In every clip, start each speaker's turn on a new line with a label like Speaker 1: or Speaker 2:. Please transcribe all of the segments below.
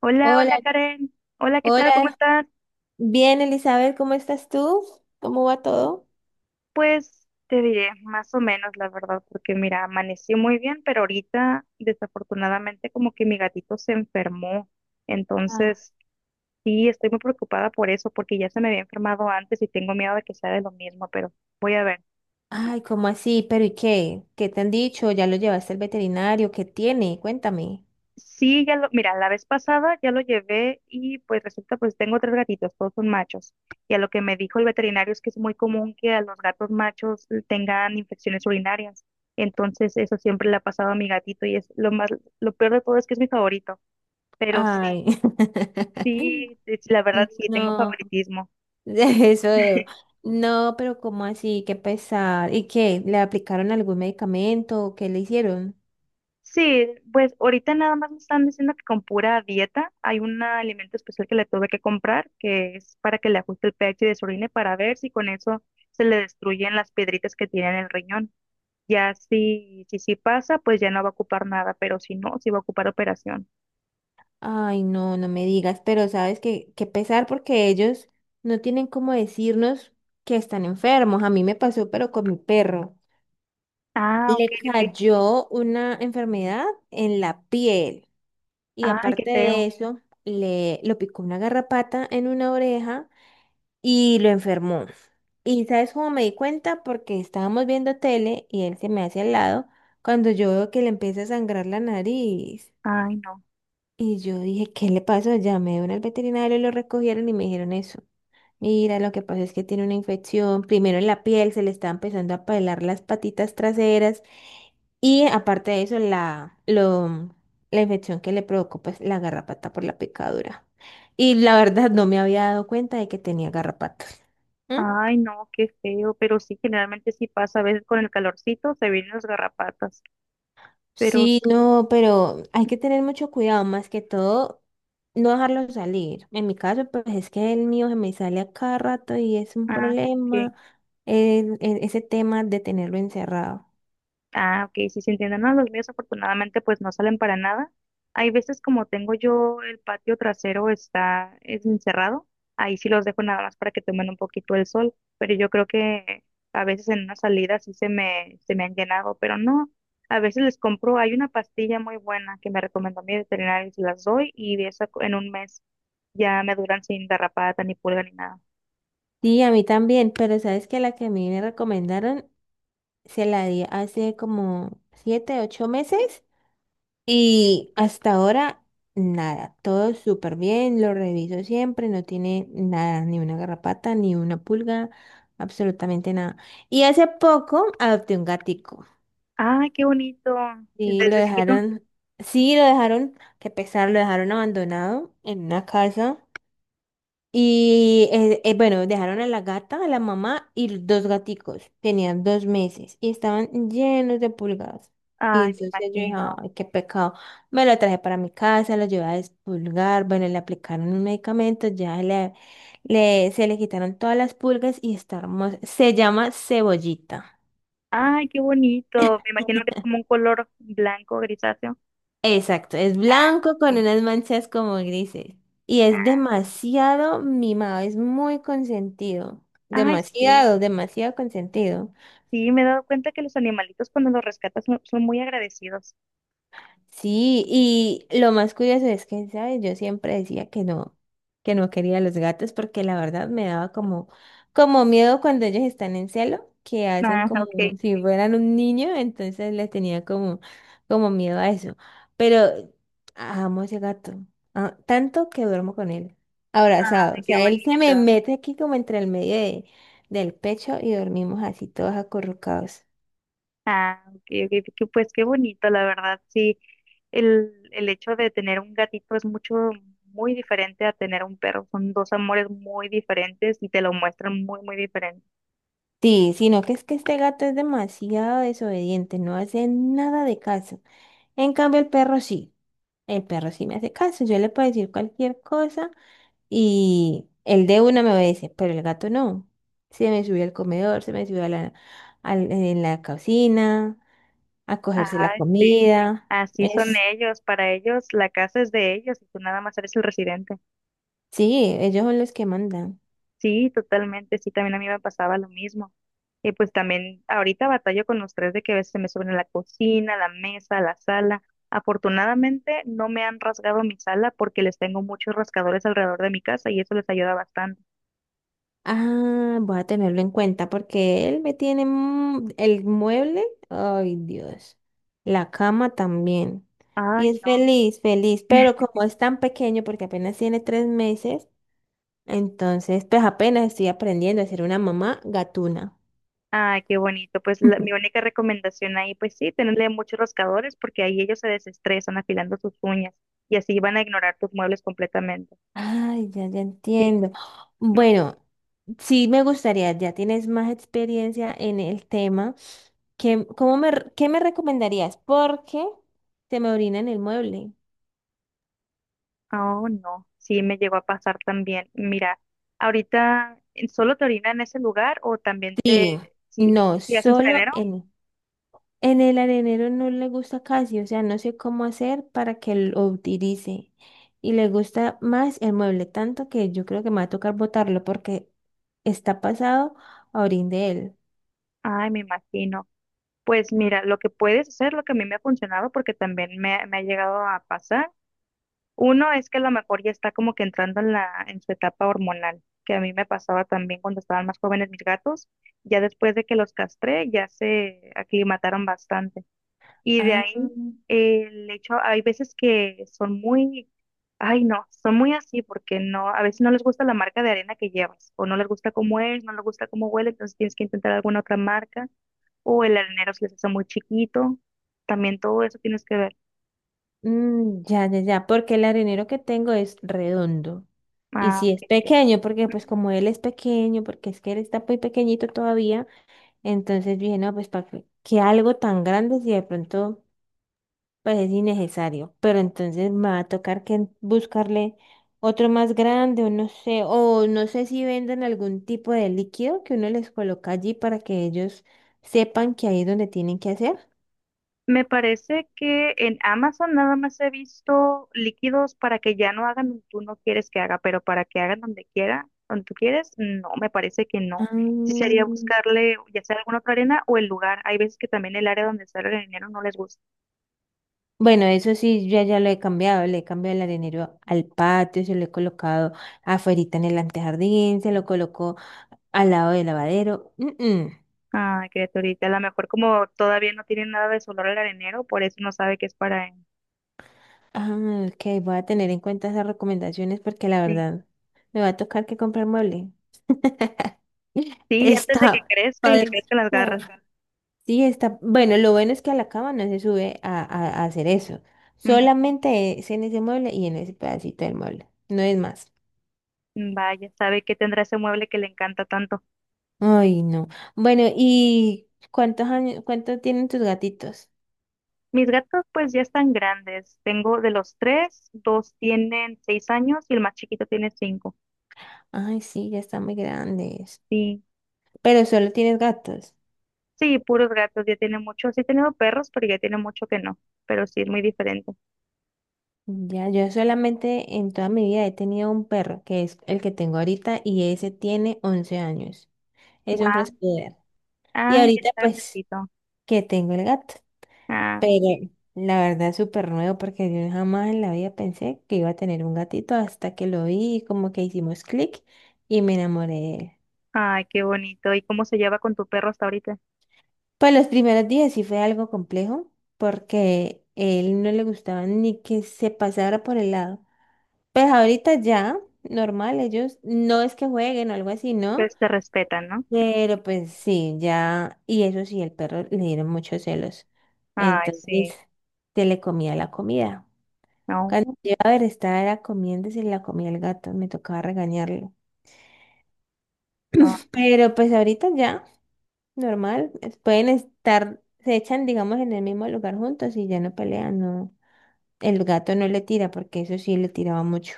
Speaker 1: Hola,
Speaker 2: Hola,
Speaker 1: hola Karen. Hola, ¿qué tal? ¿Cómo
Speaker 2: hola.
Speaker 1: estás?
Speaker 2: Bien, Elizabeth, ¿cómo estás tú? ¿Cómo va todo?
Speaker 1: Pues te diré, más o menos, la verdad, porque mira, amaneció muy bien, pero ahorita desafortunadamente como que mi gatito se enfermó.
Speaker 2: Ah.
Speaker 1: Entonces, sí, estoy muy preocupada por eso, porque ya se me había enfermado antes y tengo miedo de que sea de lo mismo, pero voy a ver.
Speaker 2: Ay, ¿cómo así? ¿Pero y qué? ¿Qué te han dicho? ¿Ya lo llevaste al veterinario? ¿Qué tiene? Cuéntame.
Speaker 1: Sí, mira, la vez pasada ya lo llevé y pues resulta, pues tengo tres gatitos, todos son machos. Y a lo que me dijo el veterinario es que es muy común que a los gatos machos tengan infecciones urinarias. Entonces, eso siempre le ha pasado a mi gatito y es lo peor de todo es que es mi favorito. Pero sí,
Speaker 2: Ay.
Speaker 1: sí, la verdad sí, tengo
Speaker 2: No,
Speaker 1: favoritismo.
Speaker 2: eso veo. No, pero ¿cómo así? Qué pesar. ¿Y qué? ¿Le aplicaron algún medicamento? ¿Qué le hicieron?
Speaker 1: Sí, pues ahorita nada más me están diciendo que con pura dieta hay un alimento especial que le tuve que comprar, que es para que le ajuste el pH de su orina para ver si con eso se le destruyen las piedritas que tiene en el riñón. Ya si pasa, pues ya no va a ocupar nada, pero si no, sí va a ocupar operación.
Speaker 2: Ay, no, no me digas, pero sabes que qué pesar porque ellos no tienen cómo decirnos que están enfermos. A mí me pasó, pero con mi perro.
Speaker 1: Ah, ok,
Speaker 2: Le
Speaker 1: ok.
Speaker 2: cayó una enfermedad en la piel y
Speaker 1: Ay, qué
Speaker 2: aparte
Speaker 1: feo.
Speaker 2: de eso, le lo picó una garrapata en una oreja y lo enfermó. Y sabes cómo me di cuenta porque estábamos viendo tele y él se me hace al lado cuando yo veo que le empieza a sangrar la nariz.
Speaker 1: Ay, no.
Speaker 2: Y yo dije, ¿qué le pasó? Llamé a un al veterinario, lo recogieron y me dijeron eso. Mira, lo que pasa es que tiene una infección, primero en la piel, se le está empezando a pelar las patitas traseras y aparte de eso, la infección que le provocó pues la garrapata por la picadura. Y la verdad no me había dado cuenta de que tenía garrapatas. ¿Mm?
Speaker 1: Ay, no, qué feo. Pero sí, generalmente sí pasa. A veces con el calorcito se vienen las garrapatas. Pero,
Speaker 2: Sí,
Speaker 1: sí.
Speaker 2: no, pero hay que tener mucho cuidado, más que todo, no dejarlo salir. En mi caso, pues es que el mío se me sale a cada rato y es un
Speaker 1: Ah, ok.
Speaker 2: problema, ese tema de tenerlo encerrado.
Speaker 1: Ah, ok, sí se entienden. No, los míos afortunadamente pues no salen para nada. Hay veces como tengo yo el patio trasero está es encerrado, ahí sí los dejo nada más para que tomen un poquito el sol, pero yo creo que a veces en una salida sí se me han llenado, pero no, a veces les compro, hay una pastilla muy buena que me recomendó mi veterinario y se las doy y de eso en un mes ya me duran sin garrapata ni pulga ni nada.
Speaker 2: Sí, a mí también, pero sabes que la que a mí me recomendaron se la di hace como 7, 8 meses y hasta ahora nada, todo súper bien, lo reviso siempre, no tiene nada, ni una garrapata, ni una pulga, absolutamente nada. Y hace poco adopté un gatico
Speaker 1: Ay, qué bonito,
Speaker 2: y lo
Speaker 1: desde chiquito.
Speaker 2: dejaron, sí, lo dejaron, qué pesar, lo dejaron abandonado en una casa. Y bueno, dejaron a la gata, a la mamá y los dos gaticos. Tenían 2 meses y estaban llenos de pulgadas. Y
Speaker 1: Ay, me
Speaker 2: entonces yo dije,
Speaker 1: imagino.
Speaker 2: ay, qué pecado. Me lo traje para mi casa, lo llevé a despulgar. Bueno, le aplicaron un medicamento, se le quitaron todas las pulgas y está hermoso. Se llama cebollita.
Speaker 1: Ay, qué bonito. Me imagino que es como un color blanco, grisáceo.
Speaker 2: Exacto, es
Speaker 1: Ah,
Speaker 2: blanco con
Speaker 1: sí.
Speaker 2: unas manchas como grises. Y es demasiado mimado, es muy consentido.
Speaker 1: Ay, sí.
Speaker 2: Demasiado, demasiado consentido.
Speaker 1: Sí, me he dado cuenta que los animalitos cuando los rescatas son muy agradecidos.
Speaker 2: Sí, y lo más curioso es que, ¿sabes? Yo siempre decía que no quería los gatos porque la verdad me daba como miedo cuando ellos están en celo, que hacen
Speaker 1: Ah,
Speaker 2: como
Speaker 1: ok.
Speaker 2: si fueran un niño, entonces le tenía como miedo a eso. Pero amo ese gato, ah, tanto que duermo con él,
Speaker 1: Ay,
Speaker 2: abrazado. O
Speaker 1: qué
Speaker 2: sea, él se me
Speaker 1: bonito.
Speaker 2: mete aquí como entre el medio del pecho y dormimos así todos acurrucados.
Speaker 1: Ah, ok, ok, pues qué bonito, la verdad. Sí, el hecho de tener un gatito es muy diferente a tener un perro. Son dos amores muy diferentes y te lo muestran muy, muy diferente.
Speaker 2: Sí, sino que es que este gato es demasiado desobediente, no hace nada de caso. En cambio, el perro sí. El perro sí me hace caso. Yo le puedo decir cualquier cosa y el de una me obedece, pero el gato no. Se me subió al comedor, se me subió en la cocina, a cogerse
Speaker 1: Ah,
Speaker 2: la
Speaker 1: sí.
Speaker 2: comida.
Speaker 1: Así son
Speaker 2: Es,
Speaker 1: ellos, para ellos la casa es de ellos y tú nada más eres el residente.
Speaker 2: sí, ellos son los que mandan.
Speaker 1: Sí, totalmente, sí, también a mí me pasaba lo mismo. Y pues también ahorita batallo con los tres de que a veces se me suben a la cocina, a la mesa, a la sala. Afortunadamente no me han rasgado mi sala porque les tengo muchos rascadores alrededor de mi casa y eso les ayuda bastante.
Speaker 2: Ah, voy a tenerlo en cuenta porque él me tiene el mueble. Ay, Dios. La cama también. Y
Speaker 1: Ay,
Speaker 2: es
Speaker 1: no.
Speaker 2: feliz, feliz. Pero como es tan pequeño, porque apenas tiene 3 meses, entonces pues apenas estoy aprendiendo a ser una mamá gatuna.
Speaker 1: Ay, qué bonito. Pues mi única recomendación ahí, pues sí, tenerle muchos rascadores porque ahí ellos se desestresan afilando sus uñas y así van a ignorar tus muebles completamente.
Speaker 2: Ay, ya, ya
Speaker 1: Sí,
Speaker 2: entiendo. Bueno, sí me gustaría, ya tienes más experiencia en el tema. ¿Qué, qué me recomendarías? Porque se me orina en el mueble.
Speaker 1: oh, no, sí me llegó a pasar también. Mira, ahorita solo te orina en ese lugar o también te,
Speaker 2: Sí,
Speaker 1: si,
Speaker 2: no,
Speaker 1: si hacen
Speaker 2: solo
Speaker 1: solenero.
Speaker 2: en, el arenero no le gusta casi, o sea, no sé cómo hacer para que lo utilice. Y le gusta más el mueble, tanto que yo creo que me va a tocar botarlo porque está pasado a orín de él.
Speaker 1: Ay, me imagino. Pues mira, lo que puedes hacer, lo que a mí me ha funcionado, porque también me ha llegado a pasar, uno es que a lo mejor ya está como que entrando en en su etapa hormonal, que a mí me pasaba también cuando estaban más jóvenes mis gatos, ya después de que los castré, ya se aclimataron bastante. Y de
Speaker 2: Ah,
Speaker 1: ahí el hecho, hay veces que son muy, ay no, son muy así porque no, a veces no les gusta la marca de arena que llevas, o no les gusta cómo es, no les gusta cómo huele, entonces tienes que intentar alguna otra marca, o el arenero se les hace muy chiquito, también todo eso tienes que ver.
Speaker 2: mm, ya, ya, ya, porque el arenero que tengo es redondo. Y
Speaker 1: Ah,
Speaker 2: si
Speaker 1: ok,
Speaker 2: es
Speaker 1: ok.
Speaker 2: pequeño, porque pues como él es pequeño, porque es que él está muy pequeñito todavía, entonces dije, no, pues para que algo tan grande si de pronto... pues es innecesario. Pero entonces me va a tocar que buscarle otro más grande o no sé si venden algún tipo de líquido que uno les coloca allí para que ellos sepan que ahí es donde tienen que hacer.
Speaker 1: Me parece que en Amazon nada más he visto líquidos para que ya no hagan donde tú no quieres que haga, pero para que hagan donde quiera, donde tú quieres, no, me parece que
Speaker 2: Ah,
Speaker 1: no. Sí sería buscarle ya sea alguna otra arena o el lugar. Hay veces que también el área donde está el arenero no les gusta.
Speaker 2: bueno, eso sí, yo ya lo he cambiado, le he cambiado el arenero al patio, se lo he colocado afuerita en el antejardín, se lo colocó al lado del lavadero. Mm, mm.
Speaker 1: Ay, criaturita, a lo mejor como todavía no tienen nada de su olor al arenero, por eso no sabe que es para él.
Speaker 2: Ah, ok, voy a tener en cuenta esas recomendaciones porque la
Speaker 1: Sí,
Speaker 2: verdad me va a tocar que comprar mueble.
Speaker 1: sí, y antes de que
Speaker 2: Está
Speaker 1: crezca y le
Speaker 2: pa'
Speaker 1: crezcan las garras.
Speaker 2: Sí, está. Bueno, lo bueno es que a la cama no se sube a hacer eso.
Speaker 1: Ujú.
Speaker 2: Solamente es en ese mueble y en ese pedacito del mueble. No es más.
Speaker 1: Vaya, sabe que tendrá ese mueble que le encanta tanto.
Speaker 2: Ay, no. Bueno, ¿y cuántos años, cuánto tienen tus gatitos?
Speaker 1: Mis gatos pues ya están grandes. Tengo de los tres, dos tienen 6 años y el más chiquito tiene 5.
Speaker 2: Ay, sí, ya están muy grandes.
Speaker 1: Sí,
Speaker 2: Pero solo tienes gatos.
Speaker 1: sí, puros gatos, ya tiene mucho. Sí he tenido perros, pero ya tiene mucho que no. Pero sí, es muy diferente.
Speaker 2: Ya, yo solamente en toda mi vida he tenido un perro, que es el que tengo ahorita, y ese tiene 11 años. Es un
Speaker 1: Guau.
Speaker 2: fresco. Y
Speaker 1: Ah, ya
Speaker 2: ahorita,
Speaker 1: está
Speaker 2: pues,
Speaker 1: grandecito.
Speaker 2: que tengo el gato.
Speaker 1: Ah, ok.
Speaker 2: Pero la verdad es súper nuevo porque yo jamás en la vida pensé que iba a tener un gatito hasta que lo vi y como que hicimos clic y me enamoré de él.
Speaker 1: Ay, qué bonito. ¿Y cómo se lleva con tu perro hasta ahorita?
Speaker 2: Pues los primeros días sí fue algo complejo porque él no le gustaba ni que se pasara por el lado. Pues ahorita ya, normal, ellos no es que jueguen o algo así, ¿no?
Speaker 1: Pues te respetan, ¿no?
Speaker 2: Pero pues sí, ya, y eso sí, el perro le dieron muchos celos.
Speaker 1: Ay,
Speaker 2: Entonces
Speaker 1: sí.
Speaker 2: se le comía la comida. Cuando
Speaker 1: No,
Speaker 2: yo a ver, estaba era comiendo y se la comía el gato, me tocaba regañarlo.
Speaker 1: no.
Speaker 2: Pero pues ahorita ya, normal, pueden estar, se echan, digamos, en el mismo lugar juntos y ya no pelean, no. El gato no le tira porque eso sí le tiraba mucho.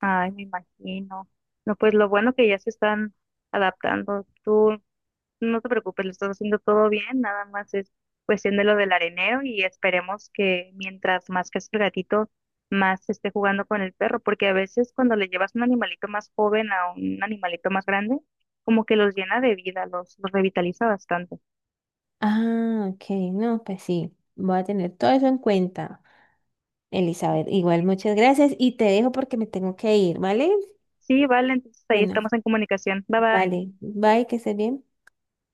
Speaker 1: Ay, me imagino. No, pues lo bueno que ya se están adaptando. ¿Tú No te preocupes, lo estás haciendo todo bien, nada más es cuestión de lo del arenero y esperemos que mientras más crezca el gatito, más esté jugando con el perro, porque a veces cuando le llevas un animalito más joven a un animalito más grande, como que los llena de vida, los revitaliza bastante.
Speaker 2: Ah, ok, no, pues sí, voy a tener todo eso en cuenta, Elizabeth. Igual, muchas gracias y te dejo porque me tengo que ir, ¿vale?
Speaker 1: Sí, vale, entonces ahí
Speaker 2: Bueno,
Speaker 1: estamos en comunicación. Bye bye.
Speaker 2: vale, bye, que estés bien.